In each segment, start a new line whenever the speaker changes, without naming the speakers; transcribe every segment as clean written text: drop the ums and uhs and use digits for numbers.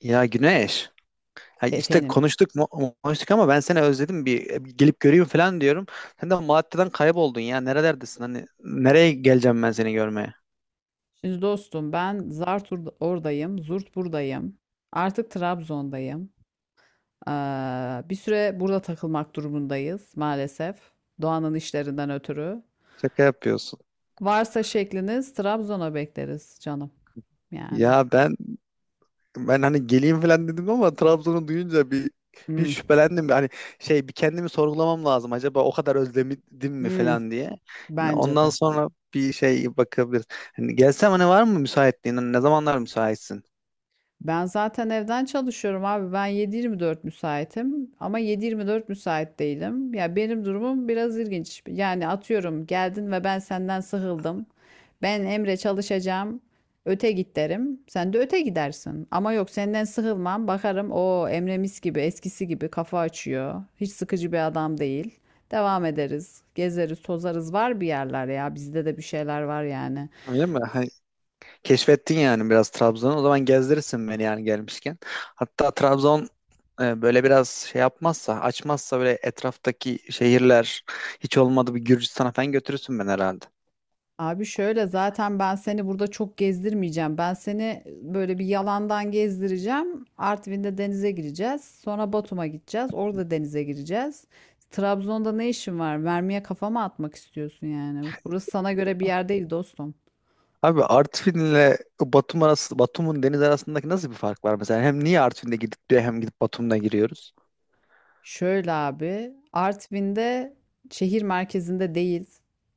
Ya Güneş, ha işte
Efendim.
konuştuk mu konuştuk ama ben seni özledim bir gelip göreyim falan diyorum. Sen de Malatya'dan kayboldun ya nerelerdesin hani nereye geleceğim ben seni görmeye?
Şimdi dostum ben zart oradayım, zurt buradayım. Artık Trabzon'dayım. Bir süre burada takılmak durumundayız maalesef. Doğanın işlerinden ötürü.
Şaka yapıyorsun.
Varsa şekliniz Trabzon'a bekleriz canım. Yani.
Ya ben hani geleyim falan dedim ama Trabzon'u duyunca bir
Hmm.
şüphelendim. Hani şey bir kendimi sorgulamam lazım acaba o kadar özledim mi
Hmm.
falan diye. Yani
Bence
ondan
de.
sonra bir şey bakabiliriz. Hani gelsem hani var mı müsaitliğin? Hani ne zamanlar müsaitsin?
Ben zaten evden çalışıyorum abi. Ben 7-24 müsaitim ama 7-24 müsait değilim. Ya benim durumum biraz ilginç. Yani atıyorum geldin ve ben senden sıkıldım. Ben Emre çalışacağım. Öte git derim. Sen de öte gidersin. Ama yok senden sıkılmam. Bakarım, o Emre mis gibi eskisi gibi kafa açıyor. Hiç sıkıcı bir adam değil. Devam ederiz. Gezeriz, tozarız. Var bir yerler ya. Bizde de bir şeyler var yani.
Öyle mi? Keşfettin yani biraz Trabzon'u. O zaman gezdirirsin beni yani gelmişken. Hatta Trabzon böyle biraz şey yapmazsa, açmazsa böyle etraftaki şehirler hiç olmadı bir Gürcistan'a falan götürürsün beni herhalde.
Abi şöyle, zaten ben seni burada çok gezdirmeyeceğim. Ben seni böyle bir yalandan gezdireceğim. Artvin'de denize gireceğiz. Sonra Batum'a gideceğiz. Orada denize gireceğiz. Trabzon'da ne işin var? Mermiye kafama atmak istiyorsun yani. Burası sana göre bir yer değil dostum.
Abi Artvin'le Batum arası, Batum'un deniz arasındaki nasıl bir fark var mesela? Hem niye Artvin'de gidip diyor hem gidip Batum'da giriyoruz?
Şöyle abi, Artvin'de şehir merkezinde değil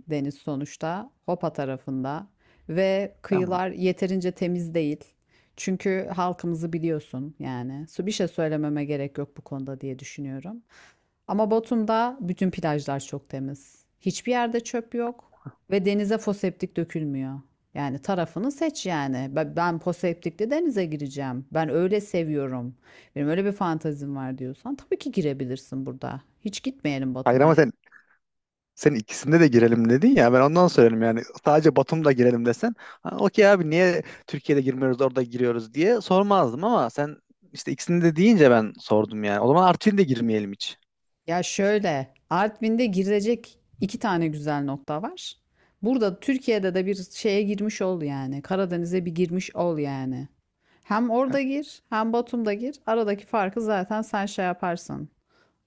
deniz sonuçta, Hopa tarafında, ve
Tamam.
kıyılar yeterince temiz değil. Çünkü halkımızı biliyorsun yani. Su bir şey söylememe gerek yok bu konuda diye düşünüyorum. Ama Batum'da bütün plajlar çok temiz. Hiçbir yerde çöp yok ve denize foseptik dökülmüyor. Yani tarafını seç yani. Ben foseptikle denize gireceğim. Ben öyle seviyorum. Benim öyle bir fantazim var diyorsan tabii ki girebilirsin burada. Hiç gitmeyelim
Hayır
Batum'a.
ama sen ikisinde de girelim dedin ya ben ondan söyledim yani sadece Batum'da girelim desen "Ha, okey abi niye Türkiye'de girmiyoruz orada giriyoruz" diye sormazdım ama sen işte ikisinde de deyince ben sordum yani o zaman Artvin'de girmeyelim hiç.
Ya şöyle, Artvin'de girilecek iki tane güzel nokta var. Burada Türkiye'de de bir şeye girmiş ol yani. Karadeniz'e bir girmiş ol yani. Hem orada gir, hem Batum'da gir. Aradaki farkı zaten sen şey yaparsın.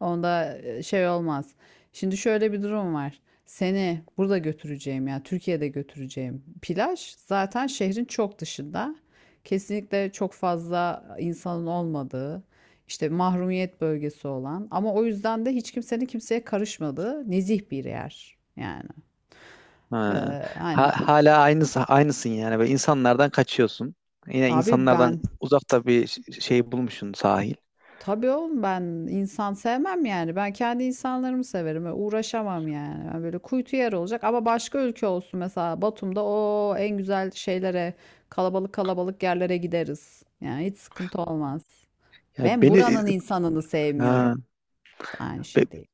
Onda şey olmaz. Şimdi şöyle bir durum var. Seni burada götüreceğim ya, Türkiye'de götüreceğim. Plaj zaten şehrin çok dışında. Kesinlikle çok fazla insanın olmadığı, işte mahrumiyet bölgesi olan, ama o yüzden de hiç kimsenin kimseye karışmadığı nezih bir yer. Yani.
Ha.
Hani
Hala aynısın yani böyle insanlardan kaçıyorsun yine
abi
insanlardan
ben.
uzakta bir şey bulmuşsun sahil.
Tabii oğlum, ben insan sevmem yani. Ben kendi insanlarımı severim. Öyle uğraşamam yani. Ben böyle kuytu yer olacak ama başka ülke olsun, mesela Batum'da o en güzel şeylere, kalabalık kalabalık yerlere gideriz. Yani hiç sıkıntı olmaz.
Ya
Ben
beni
buranın insanını
ha,
sevmiyorum. İşte aynı şey değil.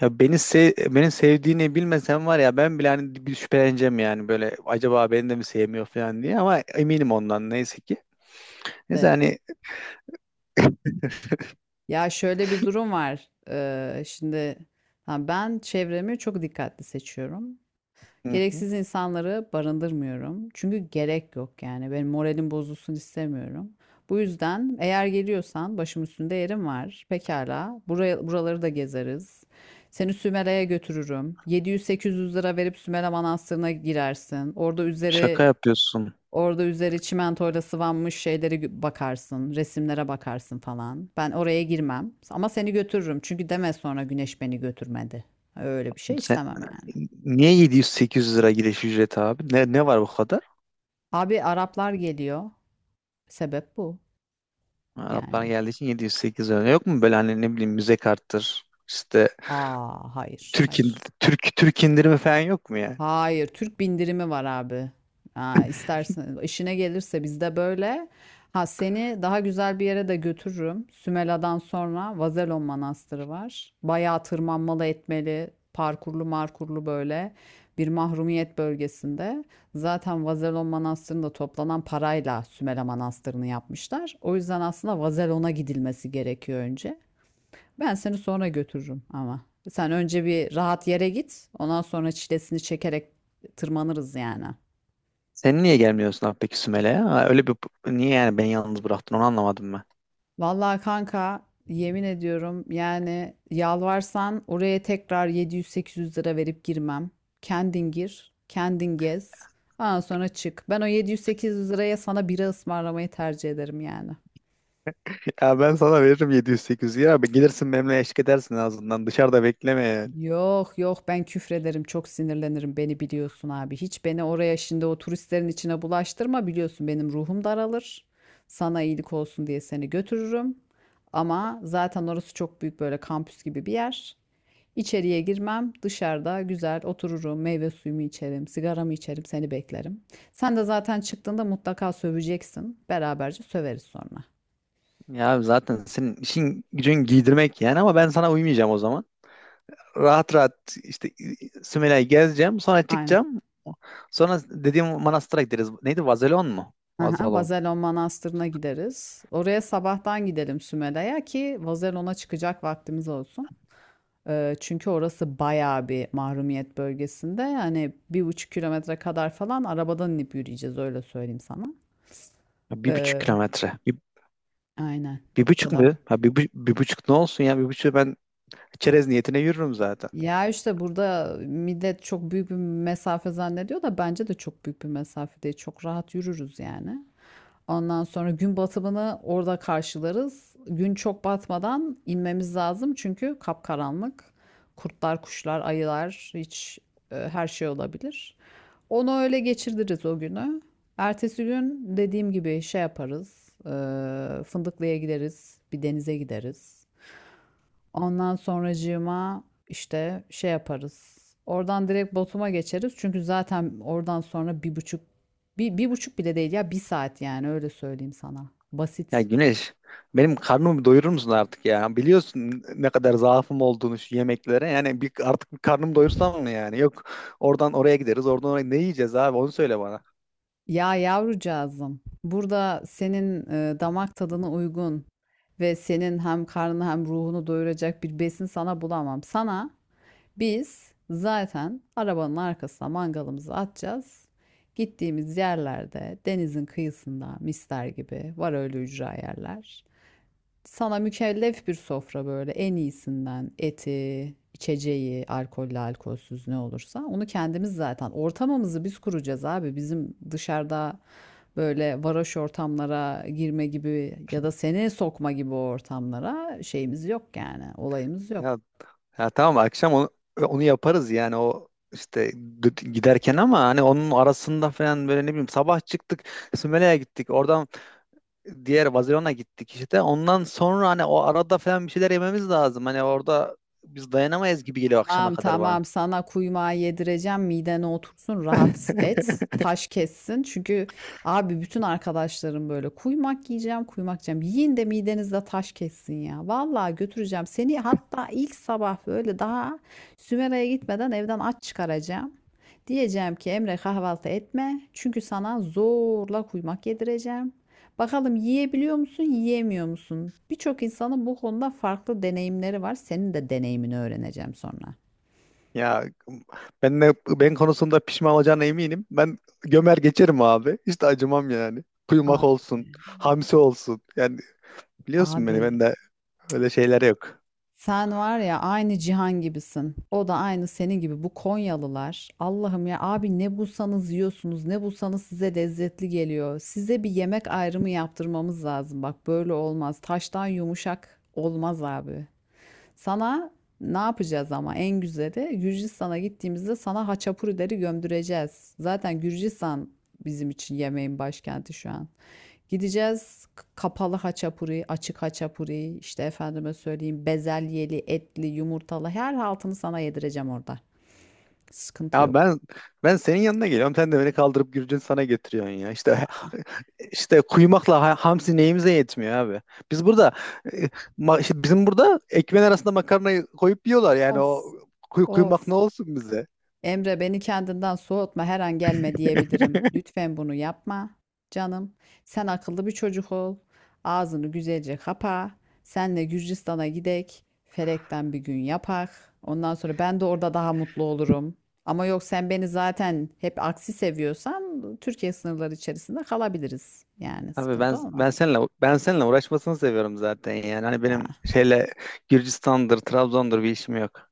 Ya beni sev beni sevdiğini bilmesem var ya ben bile hani bir şüpheleneceğim yani böyle acaba beni de mi sevmiyor falan diye ama eminim ondan neyse ki. Neyse
De-
hani,
Ya şöyle bir durum var. Şimdi ha, ben çevremi çok dikkatli seçiyorum.
hı hı,
Gereksiz insanları barındırmıyorum. Çünkü gerek yok yani. Benim moralim bozulsun istemiyorum. Bu yüzden eğer geliyorsan başım üstünde yerim var. Pekala. Buraya, buraları da gezeriz. Seni Sümele'ye götürürüm. 700-800 lira verip Sümele Manastırı'na girersin. Orada
şaka
üzeri
yapıyorsun.
orada üzeri çimentoyla sıvanmış şeyleri bakarsın, resimlere bakarsın falan. Ben oraya girmem ama seni götürürüm. Çünkü deme sonra Güneş beni götürmedi. Öyle bir şey
Sen
istemem yani.
niye 700-800 lira giriş ücreti abi? Ne var bu kadar?
Abi Araplar geliyor. Sebep bu
Araplar
yani.
geldiği için 700-800 lira. Yok mu böyle hani ne bileyim müze karttır işte
A, hayır,
Türk, in-
hayır.
Türk indirimi falan yok mu yani?
Hayır, Türk bindirimi var abi. Aa, istersen, işine gelirse bizde böyle. Ha, seni daha güzel bir yere de götürürüm. Sümela'dan sonra Vazelon Manastırı var. Bayağı tırmanmalı etmeli, parkurlu markurlu, böyle bir mahrumiyet bölgesinde. Zaten Vazelon Manastırı'nda toplanan parayla Sümela Manastırı'nı yapmışlar. O yüzden aslında Vazelon'a gidilmesi gerekiyor önce. Ben seni sonra götürürüm ama. Sen önce bir rahat yere git. Ondan sonra çilesini çekerek tırmanırız yani.
Sen niye gelmiyorsun abi peki Sümele'ye? Ha, öyle bir niye yani beni yalnız bıraktın onu anlamadım.
Vallahi kanka, yemin ediyorum yani, yalvarsan oraya tekrar 700-800 lira verip girmem. Kendin gir, kendin gez. Ondan sonra çık. Ben o 700-800 liraya sana bira ısmarlamayı tercih ederim yani.
Ya ben sana veririm 700-800 lira. Abi gelirsin benimle eşlik edersin en azından. Dışarıda bekleme yani.
Yok yok, ben küfrederim, çok sinirlenirim, beni biliyorsun abi. Hiç beni oraya şimdi o turistlerin içine bulaştırma, biliyorsun benim ruhum daralır. Sana iyilik olsun diye seni götürürüm. Ama zaten orası çok büyük, böyle kampüs gibi bir yer. İçeriye girmem, dışarıda güzel otururum, meyve suyumu içerim, sigaramı içerim, seni beklerim. Sen de zaten çıktığında mutlaka söveceksin. Beraberce söveriz sonra.
Ya abi zaten senin işin gücün giydirmek yani ama ben sana uymayacağım o zaman. Rahat rahat işte Sümela'yı gezeceğim. Sonra
Aynen.
çıkacağım. Sonra dediğim manastıra gideriz. Neydi? Vazelon mu?
Aha,
Vazelon.
Vazelon Manastırı'na gideriz. Oraya sabahtan gidelim Sümele'ye, ki Vazelon'a çıkacak vaktimiz olsun. Çünkü orası bayağı bir mahrumiyet bölgesinde. Yani 1,5 kilometre kadar falan arabadan inip yürüyeceğiz, öyle söyleyeyim sana.
Ya bir buçuk
Ee,
kilometre.
aynen,
Bir
o
buçuk
kadar.
mu? Ha, bir buçuk ne olsun ya? Bir buçuk ben çerez niyetine yürürüm zaten.
Ya işte burada millet çok büyük bir mesafe zannediyor da, bence de çok büyük bir mesafe değil. Çok rahat yürürüz yani. Ondan sonra gün batımını orada karşılarız. Gün çok batmadan inmemiz lazım, çünkü kapkaranlık. Kurtlar, kuşlar, ayılar, hiç her şey olabilir. Onu öyle geçiririz o günü. Ertesi gün dediğim gibi şey yaparız. Fındıklı'ya gideriz, bir denize gideriz. Ondan sonracığıma işte şey yaparız. Oradan direkt Batum'a geçeriz. Çünkü zaten oradan sonra bir buçuk, bir, bir buçuk bile değil ya, bir saat yani, öyle söyleyeyim sana.
Ya
Basit.
Güneş, benim karnımı doyurur musun artık ya? Biliyorsun ne kadar zaafım olduğunu şu yemeklere. Yani artık bir karnımı doyursam mı yani? Yok oradan oraya gideriz, oradan oraya. Ne yiyeceğiz abi? Onu söyle bana.
Ya yavrucağızım, burada senin damak tadına uygun ve senin hem karnını hem ruhunu doyuracak bir besin sana bulamam. Sana. Biz zaten arabanın arkasına mangalımızı atacağız. Gittiğimiz yerlerde denizin kıyısında mister gibi var öyle ücra yerler. Sana mükellef bir sofra, böyle en iyisinden eti, içeceği, alkollü, alkolsüz ne olursa onu kendimiz, zaten ortamımızı biz kuracağız abi. Bizim dışarıda böyle varoş ortamlara girme gibi ya da seni sokma gibi ortamlara şeyimiz yok yani, olayımız yok.
Ya, ya tamam akşam onu yaparız yani o işte giderken ama hani onun arasında falan böyle ne bileyim sabah çıktık Sümele'ye gittik oradan diğer Vazirona gittik işte ondan sonra hani o arada falan bir şeyler yememiz lazım hani orada biz dayanamayız gibi geliyor akşama
Tamam
kadar bana.
tamam, sana kuymağı yedireceğim, midene otursun, rahat et, taş kessin. Çünkü abi bütün arkadaşlarım böyle kuymak yiyeceğim kuymak yiyeceğim. Yiyin de midenizde taş kessin ya, vallahi götüreceğim seni. Hatta ilk sabah böyle, daha Sümera'ya gitmeden evden aç çıkaracağım, diyeceğim ki Emre kahvaltı etme, çünkü sana zorla kuymak yedireceğim. Bakalım yiyebiliyor musun, yiyemiyor musun? Birçok insanın bu konuda farklı deneyimleri var. Senin de deneyimini öğreneceğim sonra.
Ya ben konusunda pişman olacağına eminim. Ben gömer geçerim abi. Hiç de acımam yani.
Abi,
Kuyumak olsun, hamsi olsun. Yani biliyorsun beni
abi,
ben de öyle şeyler yok.
sen var ya aynı Cihan gibisin. O da aynı senin gibi. Bu Konyalılar. Allah'ım ya abi, ne bulsanız yiyorsunuz, ne bulsanız size lezzetli geliyor. Size bir yemek ayrımı yaptırmamız lazım. Bak, böyle olmaz. Taştan yumuşak olmaz abi. Sana ne yapacağız, ama en güzeli Gürcistan'a gittiğimizde sana haçapurileri gömdüreceğiz. Zaten Gürcistan bizim için yemeğin başkenti şu an. Gideceğiz kapalı haçapuri, açık haçapuri, işte efendime söyleyeyim bezelyeli, etli, yumurtalı, her haltını sana yedireceğim orada. Sıkıntı
Ya
yok.
ben senin yanına geliyorum. Sen de beni kaldırıp Gürcün sana getiriyorsun ya. İşte kuyumakla hamsi neyimize yetmiyor abi. Biz burada e, işte bizim burada ekmeğin arasında makarnayı koyup yiyorlar. Yani
Of,
o
of.
kuyumak ne olsun bize?
Emre, beni kendinden soğutma, her an gelme diyebilirim. Lütfen bunu yapma canım. Sen akıllı bir çocuk ol. Ağzını güzelce kapa. Senle Gürcistan'a gidek. Felekten bir gün yapak. Ondan sonra ben de orada daha mutlu olurum. Ama yok, sen beni zaten hep aksi seviyorsan Türkiye sınırları içerisinde kalabiliriz. Yani
Tabii
sıkıntı
ben
olmaz.
ben seninle ben seninle uğraşmasını seviyorum zaten yani. Hani benim
Ya.
şeyle Gürcistan'dır, Trabzon'dur bir işim yok.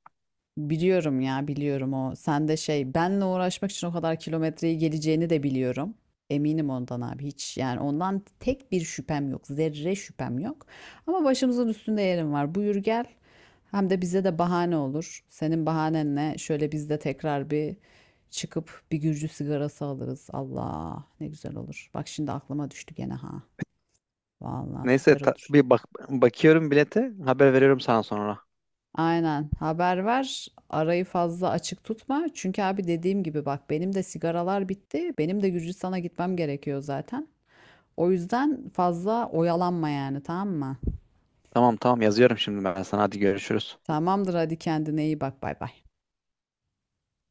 Biliyorum ya, biliyorum o. Sen de şey, benle uğraşmak için o kadar kilometreyi geleceğini de biliyorum. Eminim ondan abi, hiç yani ondan tek bir şüphem yok. Zerre şüphem yok. Ama başımızın üstünde yerim var. Buyur gel. Hem de bize de bahane olur. Senin bahanenle şöyle biz de tekrar bir çıkıp bir Gürcü sigarası alırız. Allah ne güzel olur. Bak şimdi aklıma düştü gene, ha. Vallahi
Neyse
süper olur.
bir bakıyorum bilete, haber veriyorum sana sonra.
Aynen. Haber ver. Arayı fazla açık tutma. Çünkü abi dediğim gibi bak, benim de sigaralar bitti. Benim de Gürcistan'a gitmem gerekiyor zaten. O yüzden fazla oyalanma yani, tamam mı?
Tamam tamam yazıyorum şimdi ben sana. Hadi görüşürüz.
Tamamdır, hadi, kendine iyi bak, bay bay.